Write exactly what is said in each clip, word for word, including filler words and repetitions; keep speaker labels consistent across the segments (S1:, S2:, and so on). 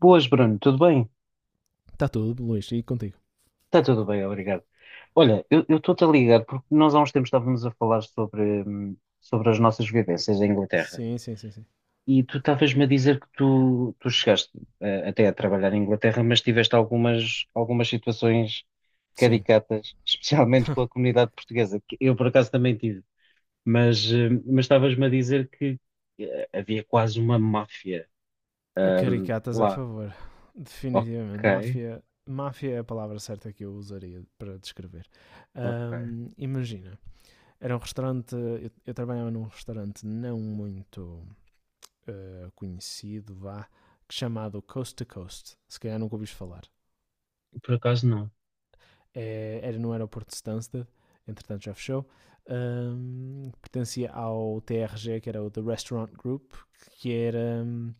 S1: Boas, Bruno, tudo bem?
S2: Está tudo, Luís, e contigo?
S1: Está tudo bem, obrigado. Olha, eu eu estou-te a ligar porque nós há uns tempos estávamos a falar sobre, hum, sobre as nossas vivências em Inglaterra
S2: Sim, sim, sim, sim.
S1: e tu estavas-me a dizer que tu, tu chegaste eh, até a trabalhar em Inglaterra, mas tiveste algumas, algumas situações
S2: Sim.
S1: caricatas, especialmente com a comunidade portuguesa, que eu por acaso também tive, mas hum, mas estavas-me a dizer que eh, havia quase uma máfia hum,
S2: Caricatas é a
S1: lá.
S2: favor. Definitivamente.
S1: Ok,
S2: Máfia, máfia é a palavra certa que eu usaria para descrever.
S1: ok.
S2: Ahm, imagina, era um restaurante. Eu, eu trabalhava num restaurante não muito eh, conhecido, vá, chamado Coast to Coast. Se calhar nunca ouviste falar.
S1: Por acaso não.
S2: É- era no aeroporto de Stansted, entretanto já fechou. Ahm, pertencia ao T R G, que era o The Restaurant Group, que era. Hum,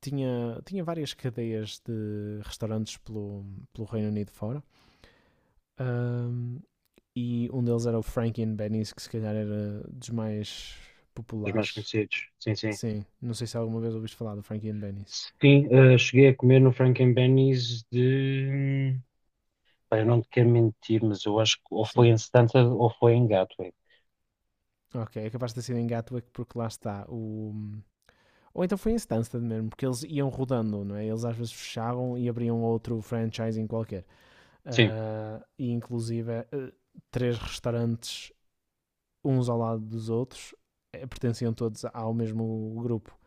S2: tinha, tinha várias cadeias de restaurantes pelo, pelo Reino Unido fora. Ahm, e um deles era o Frankie and Benny's, que se calhar era dos mais
S1: Os mais
S2: populares.
S1: conhecidos. Sim, sim.
S2: Sim, não sei se alguma vez ouviste falar do Frankie and Benny's.
S1: Sim, eh, cheguei a comer no Frank and Benny's de. Pá, eu não te quero mentir, mas eu acho que ou foi
S2: Sim,
S1: em Santa ou foi em Gatwick.
S2: ok, é capaz de ter sido em Gatwick porque lá está o... Ou então foi em Stansted mesmo, porque eles iam rodando, não é? Eles às vezes fechavam e abriam outro franchising qualquer.
S1: Sim,
S2: Ah, e inclusive eh, três restaurantes uns ao lado dos outros, eh, pertenciam todos ao mesmo grupo.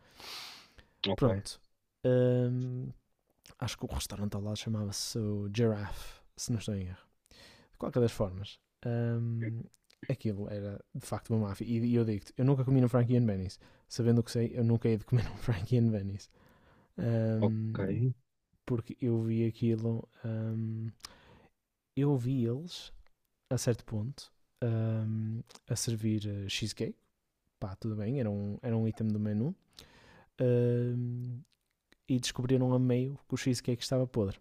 S1: ok,
S2: Pronto. Hum, Acho que o restaurante ao lado chamava-se o Giraffe, se não estou em erro. De qualquer das formas, hum, aquilo era de facto uma máfia. E, e eu digo-te, eu nunca comi no Frankie and Benny's. Sabendo o que sei, eu nunca hei de comer no Frankie and Benny's.
S1: ok.
S2: Hum, Porque eu vi aquilo, hum, eu vi eles, a certo ponto, hum, a servir eh, cheesecake. Pá, tudo bem, era um, era um item do menu. ahm, e descobriram a meio que o cheesecake estava podre.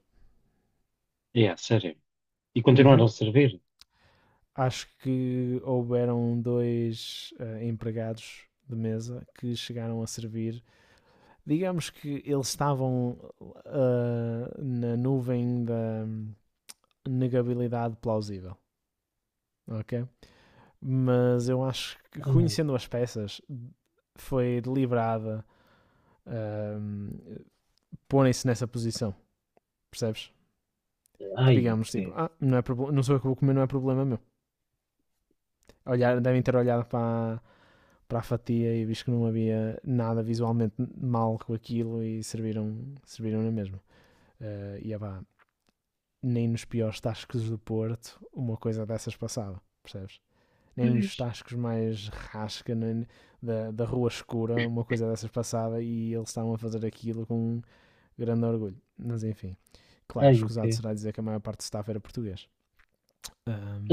S1: É, sério. E continuaram
S2: Uhum.
S1: a servir?
S2: Acho que houveram dois ah, empregados de mesa que chegaram a servir. Digamos que eles estavam ah, na nuvem da negabilidade plausível, ok? Mas eu acho que,
S1: Ai,
S2: conhecendo as peças, foi deliberada ahm, porem-se nessa posição, percebes? Que
S1: ai, o
S2: digamos, tipo,
S1: quê?
S2: ah, não, é proble- não sou eu que vou comer, não é problema meu. Olhar, devem ter olhado para, para a fatia e visto que não havia nada visualmente mal com aquilo e serviram, serviram na mesma. Eh, e é pá, nem nos piores tascos do Porto uma coisa dessas passava, percebes? Nem nos
S1: Pois,
S2: tascos mais rasca nem, da, da rua escura uma coisa dessas passava e eles estavam a fazer aquilo com grande orgulho. Mas enfim, claro,
S1: ai, o
S2: escusado
S1: quê?
S2: será dizer que a maior parte do staff era português.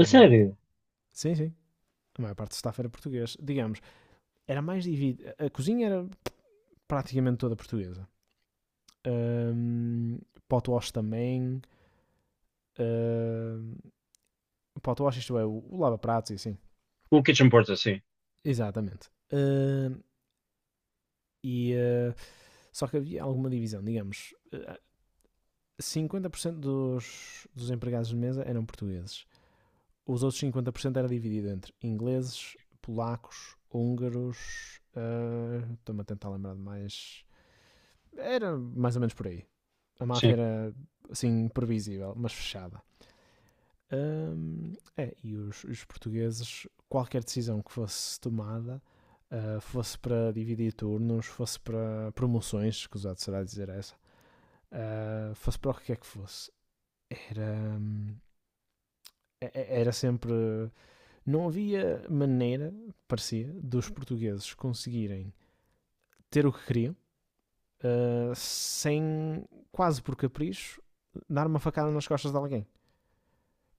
S1: A sério?
S2: sim, sim, a maior parte do staff era português. Digamos, era mais dividida. A cozinha era praticamente toda portuguesa. Um, Potwash também. Um, Potwash, isto é, o, lava-pratos e assim.
S1: O Kitchen Porter, sim.
S2: Exatamente. Um, e, uh, só que havia alguma divisão, digamos. ah, Cinquenta por cento dos, dos empregados de mesa eram portugueses. Os outros cinquenta por cento era dividido entre ingleses, polacos, húngaros. Uh, Estou-me a tentar lembrar de mais. Era mais ou menos por aí. A máfia
S1: Sim,
S2: era assim previsível, mas fechada. Hum, é, e os, os portugueses, qualquer decisão que fosse tomada, ah, fosse para dividir turnos, fosse para promoções, escusado será dizer essa, ah, fosse para o que é que fosse, era, hum, é- é- era sempre. Não havia maneira, parecia, dos portugueses conseguirem ter o que queriam ah, sem, quase por capricho, dar uma facada nas costas de alguém,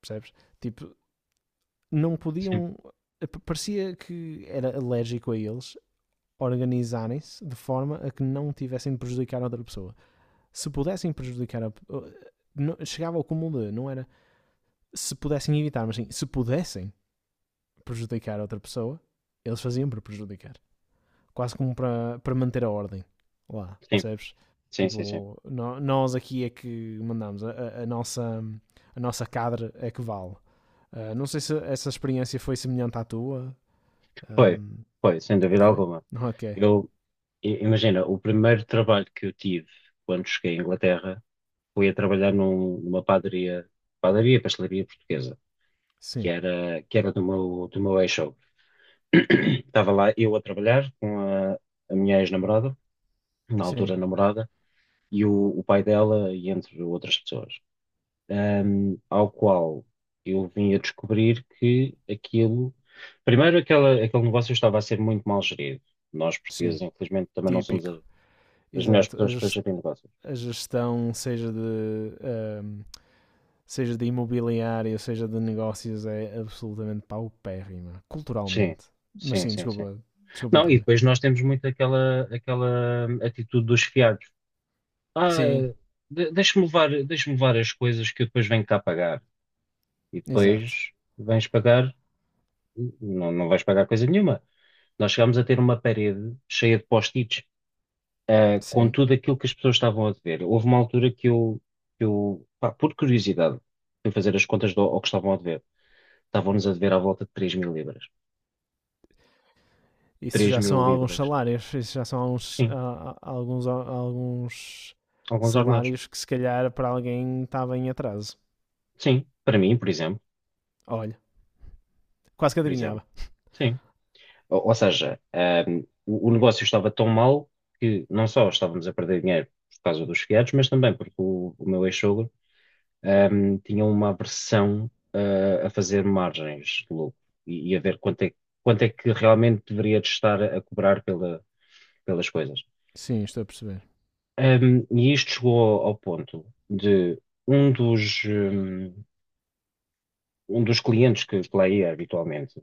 S2: percebes? Tipo, não
S1: sim,
S2: podiam. Parecia que era alérgico a eles organizarem-se de forma a que não tivessem de prejudicar outra pessoa. Se pudessem prejudicar a. Não- chegava ao cúmulo de. Não era se pudessem evitar, mas sim se pudessem prejudicar outra pessoa, eles faziam para prejudicar. Quase como para, para manter a ordem lá,
S1: sim,
S2: percebes?
S1: sim, sim, sim.
S2: Tipo, no- nós aqui é que mandamos, a- a, nossa, a nossa cadre é que vale. Ah, não sei se essa experiência foi semelhante à tua.
S1: Foi,
S2: Ahm,
S1: foi, sem dúvida
S2: Foi?
S1: alguma.
S2: Ok.
S1: Eu, i- imagina, o primeiro trabalho que eu tive quando cheguei à Inglaterra, fui a trabalhar num- numa padaria, padaria, pastelaria portuguesa, que
S2: Sim,
S1: era, que era do meu, do meu ex show. Estava lá eu a trabalhar com a, a minha ex-namorada, na altura
S2: sim,
S1: namorada, e o, o pai dela, e entre outras pessoas. Ahm, ao qual eu vim a descobrir que aquilo. Primeiro, aquela, aquele negócio estava a ser muito mal gerido. Nós,
S2: sim.
S1: portugueses, infelizmente, também não somos a-
S2: Típico.
S1: as melhores
S2: Exato. A,
S1: pessoas para
S2: ges-
S1: gerir negócios.
S2: a gestão, seja de, ahm, seja de imobiliário, seja de negócios, é absolutamente paupérrima.
S1: Sim,
S2: Culturalmente. Mas
S1: sim,
S2: sim,
S1: sim, sim.
S2: desculpa, desculpa
S1: Não, e
S2: interromper.
S1: depois nós temos muito aquela, aquela atitude dos fiados. Ah,
S2: Sim,
S1: de- deixa-me levar, deixa-me levar as coisas que eu depois venho cá pagar. E
S2: exato.
S1: depois vens pagar, não, não vais pagar coisa nenhuma. Nós chegámos a ter uma parede cheia de post-its, ah, com
S2: Sim.
S1: tudo aquilo que as pessoas estavam a dever. Houve uma altura que eu, que eu pá, por curiosidade, fui fazer as contas do, ao que estavam a dever. Estavam-nos a dever à volta de três mil libras.
S2: Isso
S1: Três
S2: já
S1: mil
S2: são alguns
S1: libras.
S2: salários. Isso já são alguns,
S1: Sim,
S2: a- a- alguns, alguns
S1: alguns ordenados.
S2: salários que, se calhar, para alguém estava em atraso.
S1: Sim, para mim, por exemplo.
S2: Olha, quase que
S1: Por exemplo.
S2: adivinhava.
S1: Sim. Ou, ou seja, ahm, o, o negócio estava tão mal que não só estávamos a perder dinheiro por causa dos fiados, mas também porque o, o meu ex-sogro, ahm, tinha uma aversão, ah, a fazer margens de lucro e, e a ver quanto é, quanto é que realmente deveria de estar a cobrar pela- pelas coisas.
S2: Sim, estou a perceber.
S1: Ahm, e isto chegou ao ponto de um dos, hum, um dos clientes que, que lá ia habitualmente,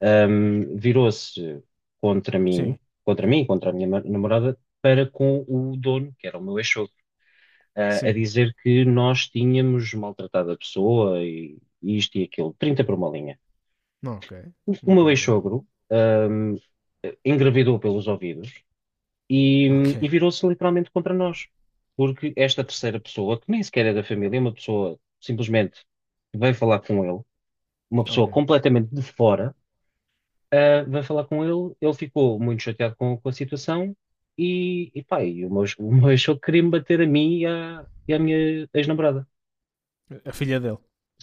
S1: um, virou-se contra mim,
S2: Sim,
S1: contra mim, contra a minha ma- namorada, para com o dono, que era o meu ex-sogro, ah, a
S2: sim.
S1: dizer que nós tínhamos maltratado a pessoa e, e isto e aquilo, trinta por uma linha.
S2: Não, ok.
S1: O,
S2: Um
S1: o meu
S2: bocado.
S1: ex-sogro,
S2: hum,
S1: um, engravidou pelos ouvidos e,
S2: Ok,
S1: e virou-se literalmente contra nós. Porque esta terceira pessoa, que nem sequer é da família, é uma pessoa simplesmente que veio falar com ele, uma
S2: ok.
S1: pessoa completamente de fora. Uh, vai falar com ele, ele ficou muito chateado com, com a situação e, e pá, e o meu, o meu ex-sogro queria-me bater a mim e à, e à minha ex-namorada.
S2: A filha dele.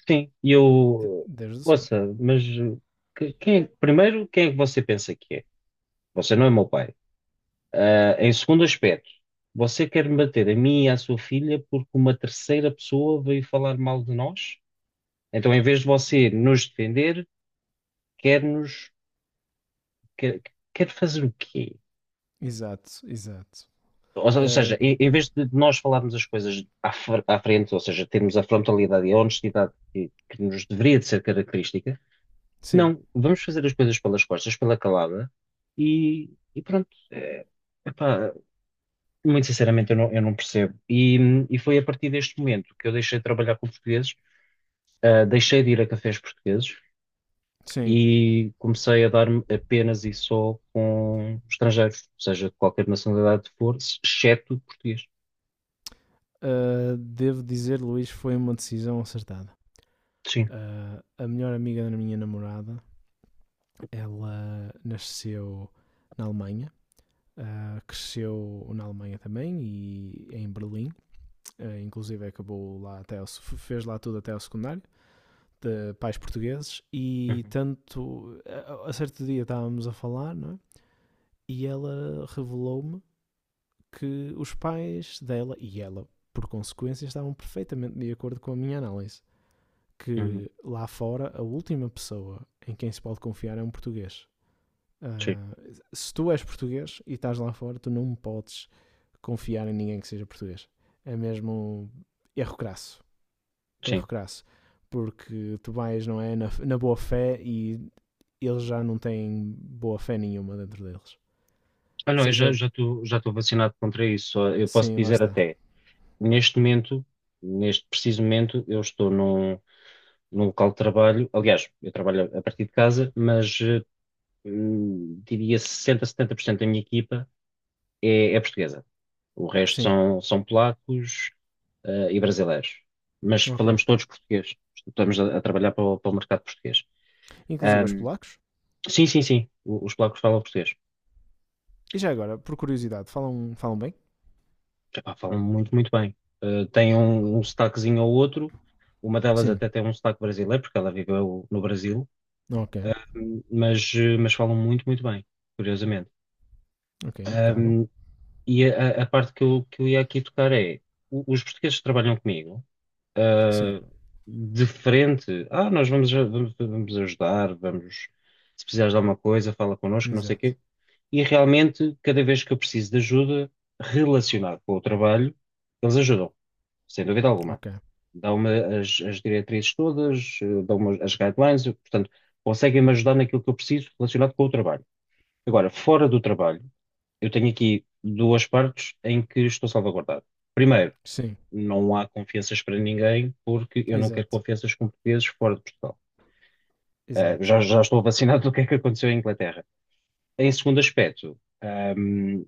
S1: Sim, e eu,
S2: Deus do céu.
S1: ouça, mas que- quem, é- primeiro, quem é que você pensa que é? Você não é meu pai. Ah, em segundo aspecto, você quer me bater a mim e à sua filha porque uma terceira pessoa veio falar mal de nós? Então, em vez de você nos defender, quer nos, quer, quer fazer o quê?
S2: Exato, exato.
S1: Ou se- ou
S2: Ah,
S1: seja, em, em vez de nós falarmos as coisas à, fr- à frente, ou seja, termos a frontalidade e a honestidade que, que nos deveria de ser característica,
S2: sim,
S1: não, vamos fazer as coisas pelas costas, pela calada, e, e pronto. É, epá, muito sinceramente, eu não, eu não percebo. E, e foi a partir deste momento que eu deixei de trabalhar com portugueses, ah, deixei de ir a cafés portugueses
S2: sim.
S1: e comecei a dar-me apenas e só com estrangeiros, seja de qualquer nacionalidade for, exceto português.
S2: Ah, devo dizer, Luís, foi uma decisão acertada.
S1: Sim.
S2: Ah, a melhor amiga da minha namorada, ela nasceu na Alemanha, ah, cresceu na Alemanha também e em Berlim. Ah, inclusive acabou lá até ao, fez lá tudo até ao secundário de pais portugueses e
S1: Uhum.
S2: tanto a, a certo dia estávamos a falar, não é? E ela revelou-me que os pais dela e ela, por consequência, estavam perfeitamente de acordo com a minha análise.
S1: Uhum.
S2: Que lá fora a última pessoa em quem se pode confiar é um português.
S1: Sim,
S2: Ah, Se tu és português e estás lá fora, tu não podes confiar em ninguém que seja português. É mesmo erro crasso.
S1: sim.
S2: Erro crasso. Porque tu vais, não é? Na, na boa fé e eles já não têm boa fé nenhuma dentro deles.
S1: Ah, não, eu já
S2: Seja.
S1: já estou já estou vacinado contra isso. Só eu posso
S2: Sim, lá
S1: dizer
S2: está.
S1: até, neste momento, neste preciso momento, eu estou num, num local de trabalho. Aliás, eu trabalho a partir de casa, mas eh, hum, diria sessenta, setenta por cento da minha equipa é, é portuguesa. O resto
S2: Sim.
S1: são, são polacos, eh, e brasileiros. Mas
S2: Ok.
S1: falamos todos português. Estamos a, a trabalhar para o, para o mercado português.
S2: Inclusive aos
S1: Ahm,
S2: polacos.
S1: sim, sim, sim. o- Os polacos falam português.
S2: E já agora, por curiosidade, falam, falam bem?
S1: Epá, falam muito, muito bem. Eh, tem um, um sotaquezinho ou outro. Uma delas
S2: Sim.
S1: até tem um sotaque brasileiro, porque ela viveu no Brasil.
S2: Ok.
S1: Ahm, mas, eh, mas falam muito, muito bem, curiosamente.
S2: Ok, impecável.
S1: Ahm, e a, a parte que eu, que eu ia aqui tocar é: o- os portugueses que trabalham comigo,
S2: Sim.
S1: ah, de frente, ah, nós vamos, a- vamos, vamos ajudar, vamos, se precisares de alguma coisa, fala connosco, não sei o
S2: Exato.
S1: quê. E realmente, cada vez que eu preciso de ajuda relacionada com o trabalho, eles ajudam sem dúvida alguma.
S2: Ok.
S1: Dão-me as, as diretrizes todas, eh, dão-me as guidelines, eu, portanto, conseguem-me ajudar naquilo que eu preciso relacionado com o trabalho. Agora, fora do trabalho, eu tenho aqui duas partes em que estou salvaguardado. Primeiro,
S2: Sim.
S1: não há confianças para ninguém, porque eu não quero
S2: Exato.
S1: confianças com portugueses fora de Portugal. Eh,
S2: Exato.
S1: já, já estou vacinado do que é que aconteceu em Inglaterra. Em segundo aspecto, ehm,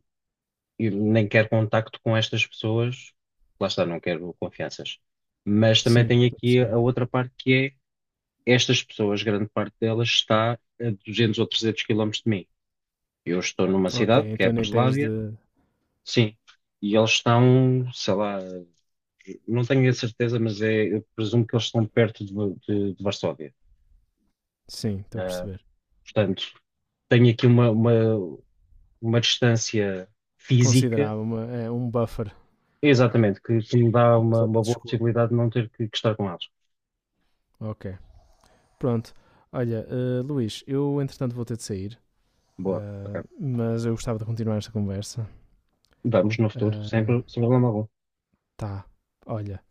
S1: e nem quero contacto com estas pessoas, lá está, não quero confianças. Mas também
S2: Sim.
S1: tem
S2: Estou a
S1: aqui
S2: perceber.
S1: a outra parte que é estas pessoas, grande parte delas está a duzentos ou trezentos quilómetros de mim. Eu estou numa
S2: Ok,
S1: cidade, que é a
S2: então nem tens
S1: Breslávia,
S2: de.
S1: sim, e eles estão, sei lá, não tenho a certeza, mas é, eu presumo que eles estão perto de, de- de Varsóvia.
S2: Sim, estou a
S1: Ah,
S2: perceber.
S1: Portanto, tenho aqui uma, uma, uma distância física.
S2: Considerava uma, é, um buffer.
S1: Exatamente, que, que me dá
S2: Uma
S1: uma,
S2: zona
S1: uma
S2: de
S1: boa
S2: escudo.
S1: possibilidade de não ter que, que estar com eles.
S2: Ok. Pronto. Olha, eh, Luís, eu entretanto vou ter de sair,
S1: Boa, ok.
S2: eh, mas eu gostava de continuar esta conversa.
S1: Vamos no futuro,
S2: Eh,
S1: sempre, sem problema algum.
S2: tá. Olha,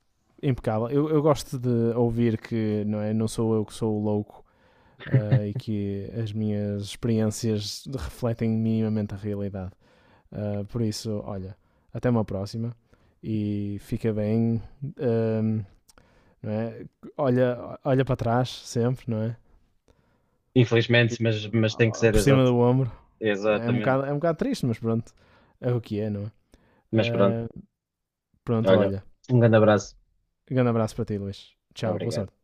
S2: impecável. Eu, eu gosto de ouvir que não, é, não sou eu que sou o louco ah, e que as minhas experiências refletem minimamente a realidade. Ah, por isso, olha, até uma próxima e fica bem. ahm, não é? Olha, olha para trás sempre, não é?
S1: Infelizmente,
S2: Tipo,
S1: mas, mas tem que ser,
S2: por cima
S1: exato.
S2: do ombro. É um
S1: Exatamente.
S2: bocado, é um bocado triste, mas pronto. É o que é, não é?
S1: Mas pronto,
S2: Ah, Pronto,
S1: olha,
S2: olha.
S1: um grande abraço.
S2: Um grande abraço para ti, Luís. Tchau, boa
S1: Obrigado.
S2: sorte.